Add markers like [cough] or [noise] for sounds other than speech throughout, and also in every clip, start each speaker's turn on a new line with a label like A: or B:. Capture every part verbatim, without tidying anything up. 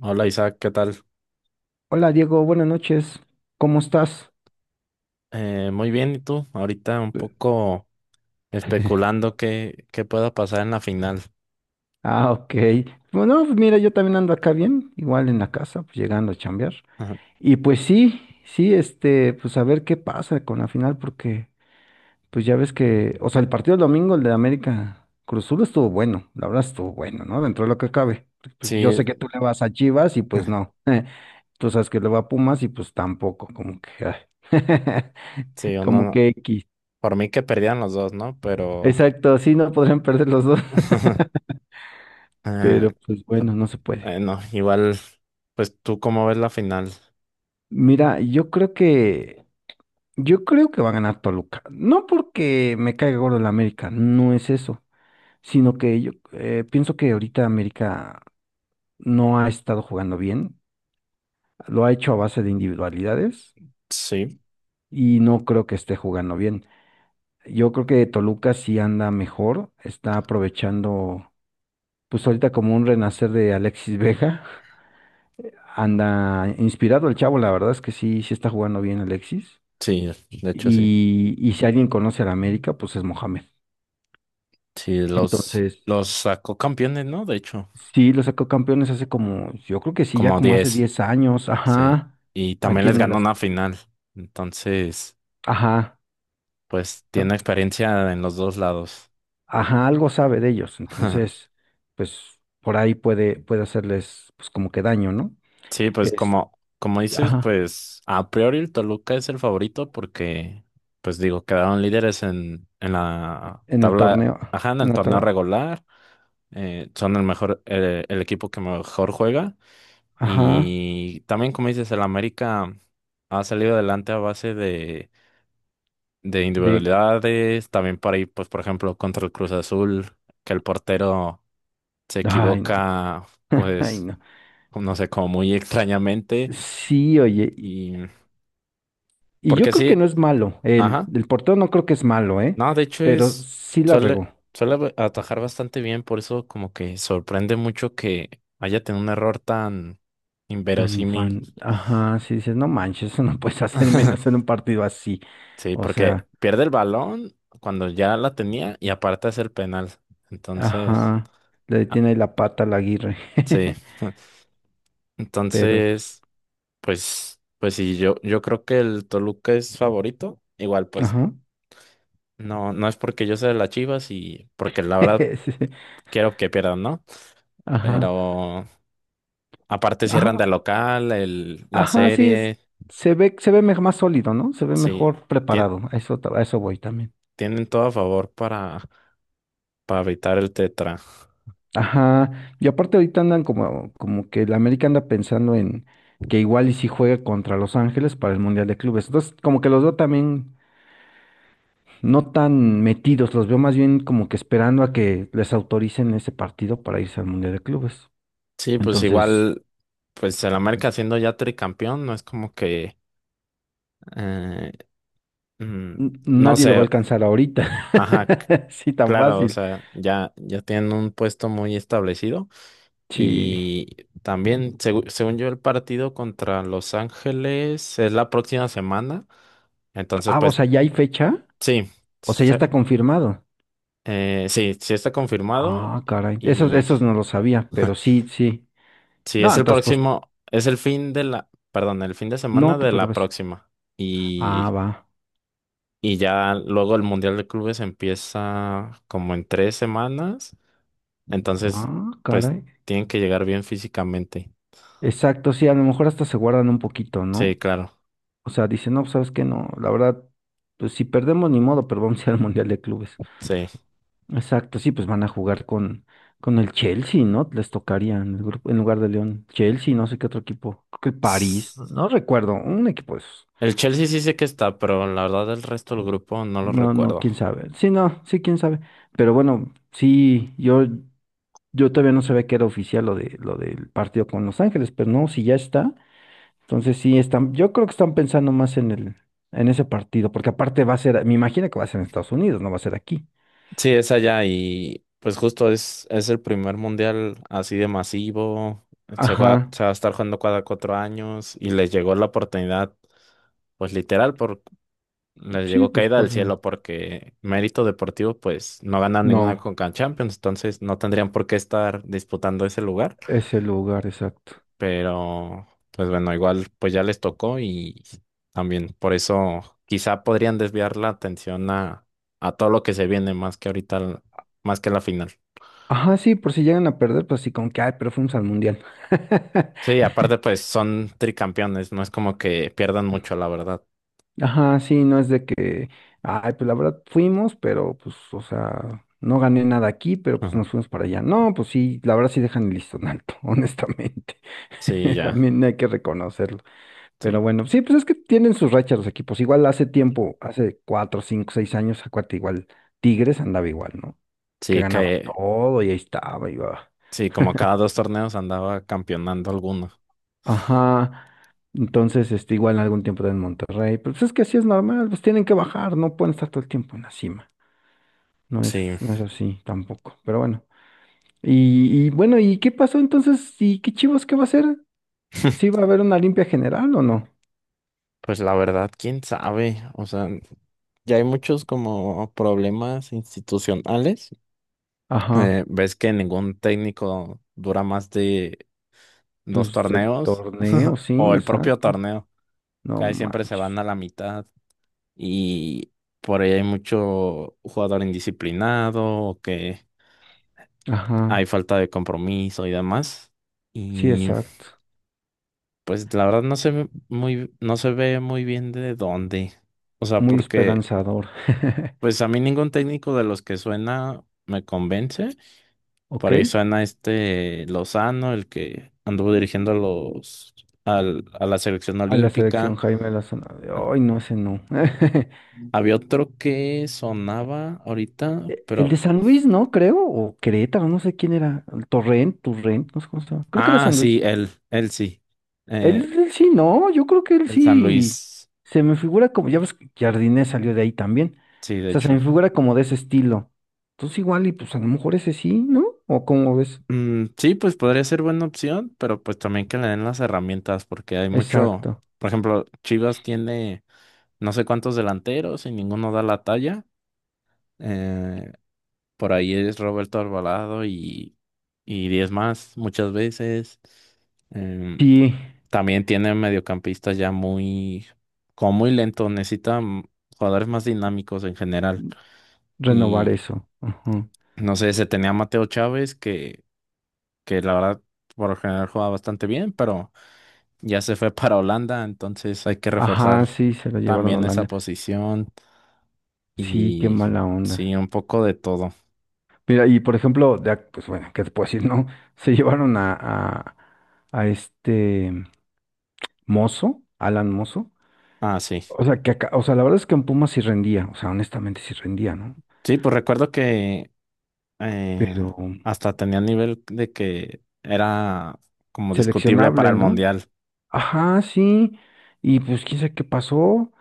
A: Hola Isaac, ¿qué tal?
B: Hola Diego, buenas noches. ¿Cómo estás?
A: Eh, muy bien, ¿y tú? Ahorita un
B: [laughs]
A: poco
B: Eh,
A: especulando qué, qué pueda pasar en la final.
B: Ah, ok. Bueno, pues mira, yo también ando acá bien, igual en la casa, pues llegando a chambear.
A: Ajá.
B: Y pues sí, sí, este, pues a ver qué pasa con la final, porque pues ya ves que, o sea, el partido del domingo, el de América Cruz Azul estuvo bueno, la verdad estuvo bueno, ¿no? Dentro de lo que cabe. Porque, pues yo
A: Sí,
B: sé que tú le vas a Chivas y pues no.
A: [laughs]
B: [laughs] Tú sabes que le va a Pumas y pues tampoco, como que, ay,
A: sí,
B: [laughs] como
A: uno,
B: que X.
A: por mí que perdían los dos, ¿no? Pero,
B: Exacto, sí, no podrían perder los dos. [laughs]
A: [laughs] eh,
B: Pero pues bueno, no se puede.
A: eh, no, igual, pues tú cómo ves la final.
B: Mira, yo creo que, yo creo que va a ganar Toluca. No porque me caiga gordo el América, no es eso, sino que yo eh, pienso que ahorita América no ha estado jugando bien, lo ha hecho a base de individualidades
A: Sí,
B: y no creo que esté jugando bien. Yo creo que Toluca sí anda mejor, está aprovechando, pues ahorita como un renacer de Alexis Vega, [laughs] anda inspirado el chavo, la verdad es que sí, sí está jugando bien Alexis.
A: sí, de hecho sí.
B: Y, y si alguien conoce a la América, pues es Mohamed.
A: Sí, los,
B: Entonces,
A: los sacó campeones, ¿no? De hecho,
B: sí, lo sacó campeones hace como, yo creo que sí, ya
A: como
B: como hace
A: diez,
B: diez años,
A: sí.
B: ajá,
A: Y también
B: aquí
A: les
B: en el
A: ganó una
B: Azteca.
A: final. Entonces...
B: Ajá,
A: Pues tiene
B: ton-
A: experiencia en los dos lados.
B: ajá, algo sabe de ellos.
A: [laughs]
B: Entonces, pues por ahí puede, puede hacerles pues como que daño, ¿no?
A: Sí, pues
B: Este,
A: como, como dices,
B: ajá,
A: pues a priori el Toluca es el favorito porque, pues digo, quedaron líderes en, en, la
B: en el
A: tabla,
B: torneo,
A: ajá, en
B: en
A: el
B: la
A: torneo
B: tabla,
A: regular, eh, son el mejor, el, el equipo que mejor juega
B: ajá,
A: y también como dices, el América ha salido adelante a base de, de
B: de,
A: individualidades, también por ahí, pues por ejemplo, contra el Cruz Azul, que el portero se
B: ay, no,
A: equivoca,
B: [laughs] ay,
A: pues
B: no.
A: no sé, como muy extrañamente.
B: Sí, oye,
A: Y
B: y yo
A: porque
B: creo que
A: sí,
B: no es malo. El,
A: ajá.
B: el portero no creo que es malo, ¿eh?
A: No, de hecho
B: Pero
A: es,
B: sí la
A: suele,
B: regó.
A: suele atajar bastante bien, por eso como que sorprende mucho que haya tenido un error tan
B: Tan
A: inverosímil.
B: infan. Ajá, sí dices, no manches, eso no puedes hacer y menos en un
A: [laughs]
B: partido así.
A: Sí,
B: O
A: porque
B: sea,
A: pierde el balón cuando ya la tenía y aparte es el penal. Entonces,
B: ajá. Le
A: ah,
B: detiene ahí la pata a la Aguirre.
A: sí.
B: [laughs]
A: [laughs]
B: Pero, pues,
A: Entonces, pues, pues, sí, yo, yo creo que el Toluca es favorito. Igual, pues
B: ajá.
A: no, no es porque yo sea de las Chivas y porque la
B: [laughs]
A: verdad
B: Sí,
A: quiero que pierdan, ¿no?
B: ajá.
A: Pero aparte cierran de
B: Ajá.
A: local, el, la
B: Ajá, sí es.
A: serie,
B: Se ve, se ve me- más sólido, ¿no? Se ve
A: sí,
B: mejor
A: tien-
B: preparado. A eso, ta- a eso voy también.
A: tienen todo a favor para, para, evitar el tetra.
B: Ajá, y aparte ahorita andan como, como que el América anda pensando en que igual y si juega contra Los Ángeles para el Mundial de Clubes. Entonces, como que los veo también no tan metidos, los veo más bien como que esperando a que les autoricen ese partido para irse al Mundial de Clubes.
A: Sí, pues
B: Entonces,
A: igual, pues el América siendo ya tricampeón, no es como que, eh, mm,
B: n-
A: no
B: nadie lo va a
A: sé,
B: alcanzar ahorita.
A: ajá, c-
B: [laughs] Sí, tan
A: claro, o
B: fácil.
A: sea, ya, ya tienen un puesto muy establecido.
B: Sí.
A: Y también, segu- según yo, el partido contra Los Ángeles es la próxima semana. Entonces,
B: Ah, o
A: pues
B: sea, ya hay fecha.
A: sí,
B: O sea, ya
A: se-
B: está confirmado.
A: eh, sí, sí está confirmado.
B: Ah, caray. Esos,
A: Y
B: esos no lo sabía, pero sí, sí.
A: sí,
B: No,
A: es el
B: entonces, pues,
A: próximo, es el fin de la, perdón, el fin de
B: no
A: semana
B: te
A: de la
B: preocupes.
A: próxima.
B: Ah,
A: Y,
B: va.
A: y ya luego el Mundial de Clubes empieza como en tres semanas. Entonces,
B: Ah,
A: pues
B: caray.
A: tienen que llegar bien físicamente.
B: Exacto, sí, a lo mejor hasta se guardan un poquito,
A: Sí,
B: ¿no?
A: claro,
B: O sea, dicen, no, sabes qué, no, la verdad, pues si perdemos ni modo, pero vamos a ir al Mundial de Clubes. Exacto, sí, pues van a jugar con, con el Chelsea, ¿no? Les tocaría en el grupo, en lugar de León. Chelsea, no sé qué otro equipo. Creo que el París, no
A: sí.
B: no recuerdo, un equipo de esos.
A: El Chelsea sí sé que está, pero la verdad el resto del grupo no lo
B: No, no,
A: recuerdo.
B: quién sabe. Sí, no, sí, quién sabe. Pero bueno, sí, yo, yo todavía no sabía que era oficial lo de, lo del partido con Los Ángeles, pero no, si ya está. Entonces sí, están, yo creo que están pensando más en el, en ese partido, porque aparte va a ser, me imagino que va a ser en Estados Unidos, no va a ser aquí.
A: Sí, es allá y pues justo es, es, el primer mundial así de masivo. Se juega-
B: Ajá,
A: se va a estar jugando cada cuatro años y les llegó la oportunidad, pues literal, por, les
B: sí,
A: llegó
B: pues
A: caída
B: por
A: del
B: la-
A: cielo porque mérito deportivo, pues no ganan ninguna
B: no,
A: Conca Champions, entonces no tendrían por qué estar disputando ese lugar.
B: ese lugar exacto.
A: Pero pues bueno, igual pues ya les tocó y también por eso quizá podrían desviar la atención a, a todo lo que se viene más que ahorita, al- más que la final.
B: Ajá, sí, por si llegan a perder, pues sí, con que, ay, pero fuimos al mundial. [laughs]
A: Sí, aparte pues son tricampeones, no es como que pierdan mucho, la verdad.
B: Ajá, sí, no es de que, ay, pues la verdad fuimos, pero pues, o sea, no gané nada aquí, pero pues
A: Ujú.
B: nos fuimos para allá. No, pues sí, la verdad sí dejan el listón alto, [laughs] honestamente.
A: Sí,
B: [laughs]
A: ya,
B: También hay que reconocerlo. Pero
A: sí.
B: bueno, sí, pues es que tienen sus rachas los equipos. Igual hace tiempo, hace cuatro, cinco, seis años, acuérdate, igual Tigres andaba igual, ¿no? Que
A: Sí,
B: ganaba
A: que
B: todo y ahí estaba, iba.
A: sí, como
B: [laughs]
A: cada dos torneos andaba campeonando alguno.
B: Ajá. Entonces, este, igual algún tiempo en Monterrey, pero pues es que así es normal, pues tienen que bajar, no pueden estar todo el tiempo en la cima. No es,
A: Sí,
B: no es así tampoco, pero bueno. Y, y bueno, ¿y qué pasó entonces? ¿Y qué Chivas qué va a hacer? ¿Sí
A: [laughs]
B: va a haber una limpia general o no?
A: pues la verdad, quién sabe, o sea, ya hay muchos como problemas institucionales.
B: Ajá,
A: Eh, ¿ves que ningún técnico dura más de
B: pues
A: dos
B: el
A: torneos?
B: torneo,
A: [laughs] O
B: sí,
A: el propio
B: exacto.
A: torneo.
B: No
A: Casi siempre se van
B: manches.
A: a la mitad y por ahí hay mucho jugador indisciplinado o que hay
B: Ajá,
A: falta de compromiso y demás.
B: sí,
A: Y
B: exacto.
A: pues la verdad no se ve muy, no se ve muy bien de dónde. O sea,
B: Muy
A: porque
B: esperanzador. [laughs]
A: pues a mí ningún técnico de los que suena me convence.
B: ¿Ok?
A: Por ahí suena este Lozano, el que anduvo dirigiendo a los al- a la selección
B: A la selección
A: olímpica.
B: Jaime Lozano.
A: Ah,
B: Ay, no, ese no. [laughs]
A: había otro que sonaba ahorita,
B: E- El
A: pero
B: de San Luis, ¿no? Creo. O Querétaro, no sé quién era. El Torrent, Torrent, no sé cómo se llama. Creo que era
A: ah,
B: San
A: sí,
B: Luis.
A: él, él sí.
B: Él,
A: Eh,
B: él sí, no. Yo creo que él
A: el San
B: sí.
A: Luis,
B: Se me figura como. Ya ves que Jardine salió de ahí también.
A: sí,
B: O
A: de
B: sea, se
A: hecho.
B: me figura como de ese estilo. Entonces, igual, y pues a lo mejor ese sí, ¿no? ¿O cómo ves?
A: Mm, sí, pues podría ser buena opción, pero pues también que le den las herramientas, porque hay mucho,
B: Exacto.
A: por ejemplo, Chivas tiene no sé cuántos delanteros y ninguno da la talla. eh, Por ahí es Roberto Alvarado y, y, diez más muchas veces. Em,
B: Sí,
A: También tiene mediocampistas ya muy, como muy lentos, necesita mm, jugadores más dinámicos en general.
B: renovar
A: Y
B: eso. Ajá.
A: no sé, se tenía a Mateo Chávez, que, que la verdad por lo general jugaba bastante bien, pero ya se fue [laughs] para Holanda, entonces hay que reforzar
B: Ajá, sí, se la llevaron a
A: también esa
B: Holanda.
A: posición
B: Sí, qué
A: y
B: mala
A: sí,
B: onda.
A: un poco de todo.
B: Mira, y por ejemplo, de ac- pues bueno, ¿qué te puedo [laughs] decir? No, se llevaron a, a, a este Mozo, Alan Mozo.
A: Ah, sí.
B: O sea, que acá, o sea, la verdad es que en Pumas sí rendía, o sea, honestamente sí rendía, ¿no?
A: Sí, pues recuerdo que
B: Pero
A: eh, hasta tenía nivel de que era como discutible para
B: seleccionable,
A: el
B: ¿no?
A: mundial.
B: Ajá, sí. Y pues quién sabe qué pasó.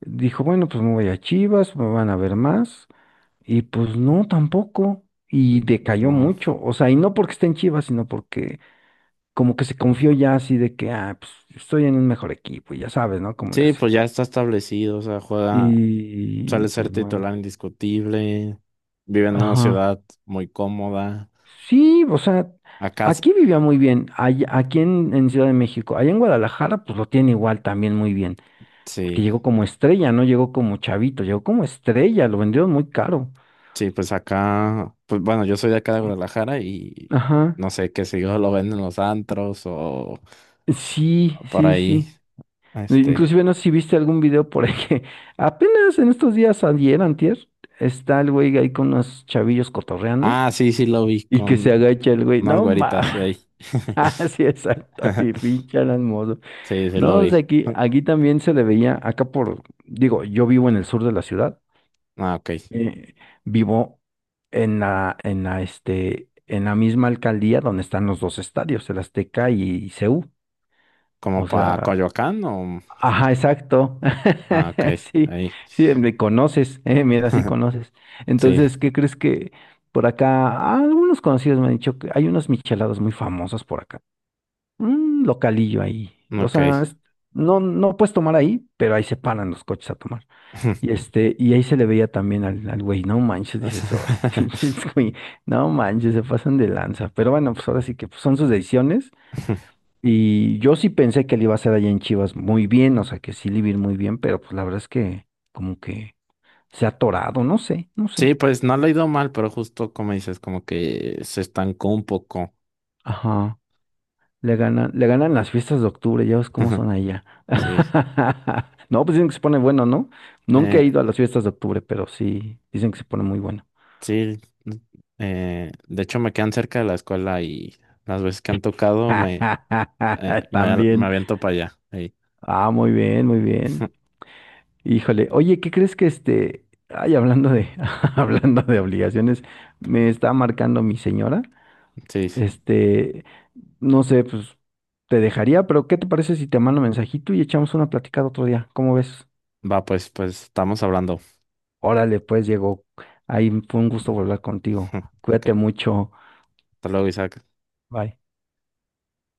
B: Dijo, bueno, pues me voy a Chivas, me van a ver más. Y pues no, tampoco. Y decayó
A: No.
B: mucho. O sea, y no porque esté en Chivas, sino porque como que se confió ya así de que, ah, pues estoy en un mejor equipo, y ya sabes, ¿no? Cómo le
A: Sí,
B: hacen.
A: pues ya está establecido, o sea, juega,
B: Y
A: suele
B: pues
A: ser titular
B: bueno,
A: indiscutible, vive en una
B: ajá.
A: ciudad muy cómoda.
B: Sí, o sea,
A: Acá, s-
B: aquí vivía muy bien, allá- aquí en, en, Ciudad de México, allá en Guadalajara, pues lo tiene igual también muy bien, porque
A: sí,
B: llegó como estrella, no llegó como chavito, llegó como estrella, lo vendieron muy caro.
A: sí, pues acá, pues bueno, yo soy de acá de Guadalajara y
B: Ajá.
A: no sé qué si yo lo ven en los antros o
B: Sí,
A: por
B: sí,
A: ahí,
B: sí. E-
A: este.
B: Inclusive no sé si viste algún video por ahí que [laughs] apenas en estos días ayer, antier, está el güey ahí con unos chavillos cotorreando
A: Ah, sí, sí lo vi
B: y que se
A: con
B: agacha el güey,
A: unas
B: no mames.
A: güeritas
B: [laughs]
A: ahí.
B: Ah, sí, exacto, y
A: [laughs]
B: pinche Alan Mozo.
A: Sí, sí lo
B: No, o sea,
A: vi.
B: aquí, aquí también se le veía, acá por, digo, yo vivo en el sur de la ciudad,
A: Ah, ok.
B: eh, vivo en la, en la, este, en la misma alcaldía donde están los dos estadios, el Azteca y C U.
A: ¿Como
B: O
A: para
B: sea,
A: Coyoacán o...?
B: ajá, exacto.
A: Ah, ok.
B: [laughs] Sí,
A: Ahí.
B: sí, me conoces, eh, mira, sí
A: [laughs]
B: conoces.
A: Sí,
B: Entonces, ¿qué crees que por acá? Ah, algunos conocidos me han dicho que hay unas micheladas muy famosas por acá un localillo ahí. O
A: ok.
B: sea, es- no, no puedes tomar ahí, pero ahí se paran los coches a tomar. Y
A: [laughs]
B: este, y ahí se le veía también al, al güey, no manches, dices, "Oh, [laughs] pinches güey, no manches, se pasan de lanza. Pero bueno, pues ahora sí que pues, son sus decisiones. Y yo sí pensé que le iba a hacer allá en Chivas muy bien, o sea que sí le iba a ir muy bien, pero pues la verdad es que como que se ha atorado, no sé, no
A: Sí,
B: sé.
A: pues no lo he ido mal, pero justo como dices, como que se estancó un poco.
B: Ajá. Le ganan, le ganan las fiestas de octubre, ya ves cómo son
A: [laughs]
B: allá.
A: Sí.
B: [laughs] No, pues dicen que se pone bueno, ¿no? Nunca
A: Eh,
B: he ido a las fiestas de octubre, pero sí, dicen que se pone muy bueno.
A: sí. Eh, de hecho, me quedan cerca de la escuela y las veces que han tocado me, eh,
B: [laughs]
A: me, al- me
B: También.
A: aviento para allá. Ahí.
B: Ah, muy bien, muy bien.
A: [laughs]
B: Híjole, oye, ¿qué crees que este, ay, hablando de, [laughs] hablando de obligaciones, me está marcando mi señora?
A: Sí.
B: Este, no sé, pues te dejaría, pero ¿qué te parece si te mando un mensajito y echamos una platicada otro día? ¿Cómo ves?
A: Va, pues, pues, estamos hablando.
B: Órale, pues Diego, ahí fue un gusto volver contigo.
A: [laughs]
B: Cuídate
A: Ok.
B: mucho.
A: Hasta luego, Isaac.
B: Bye.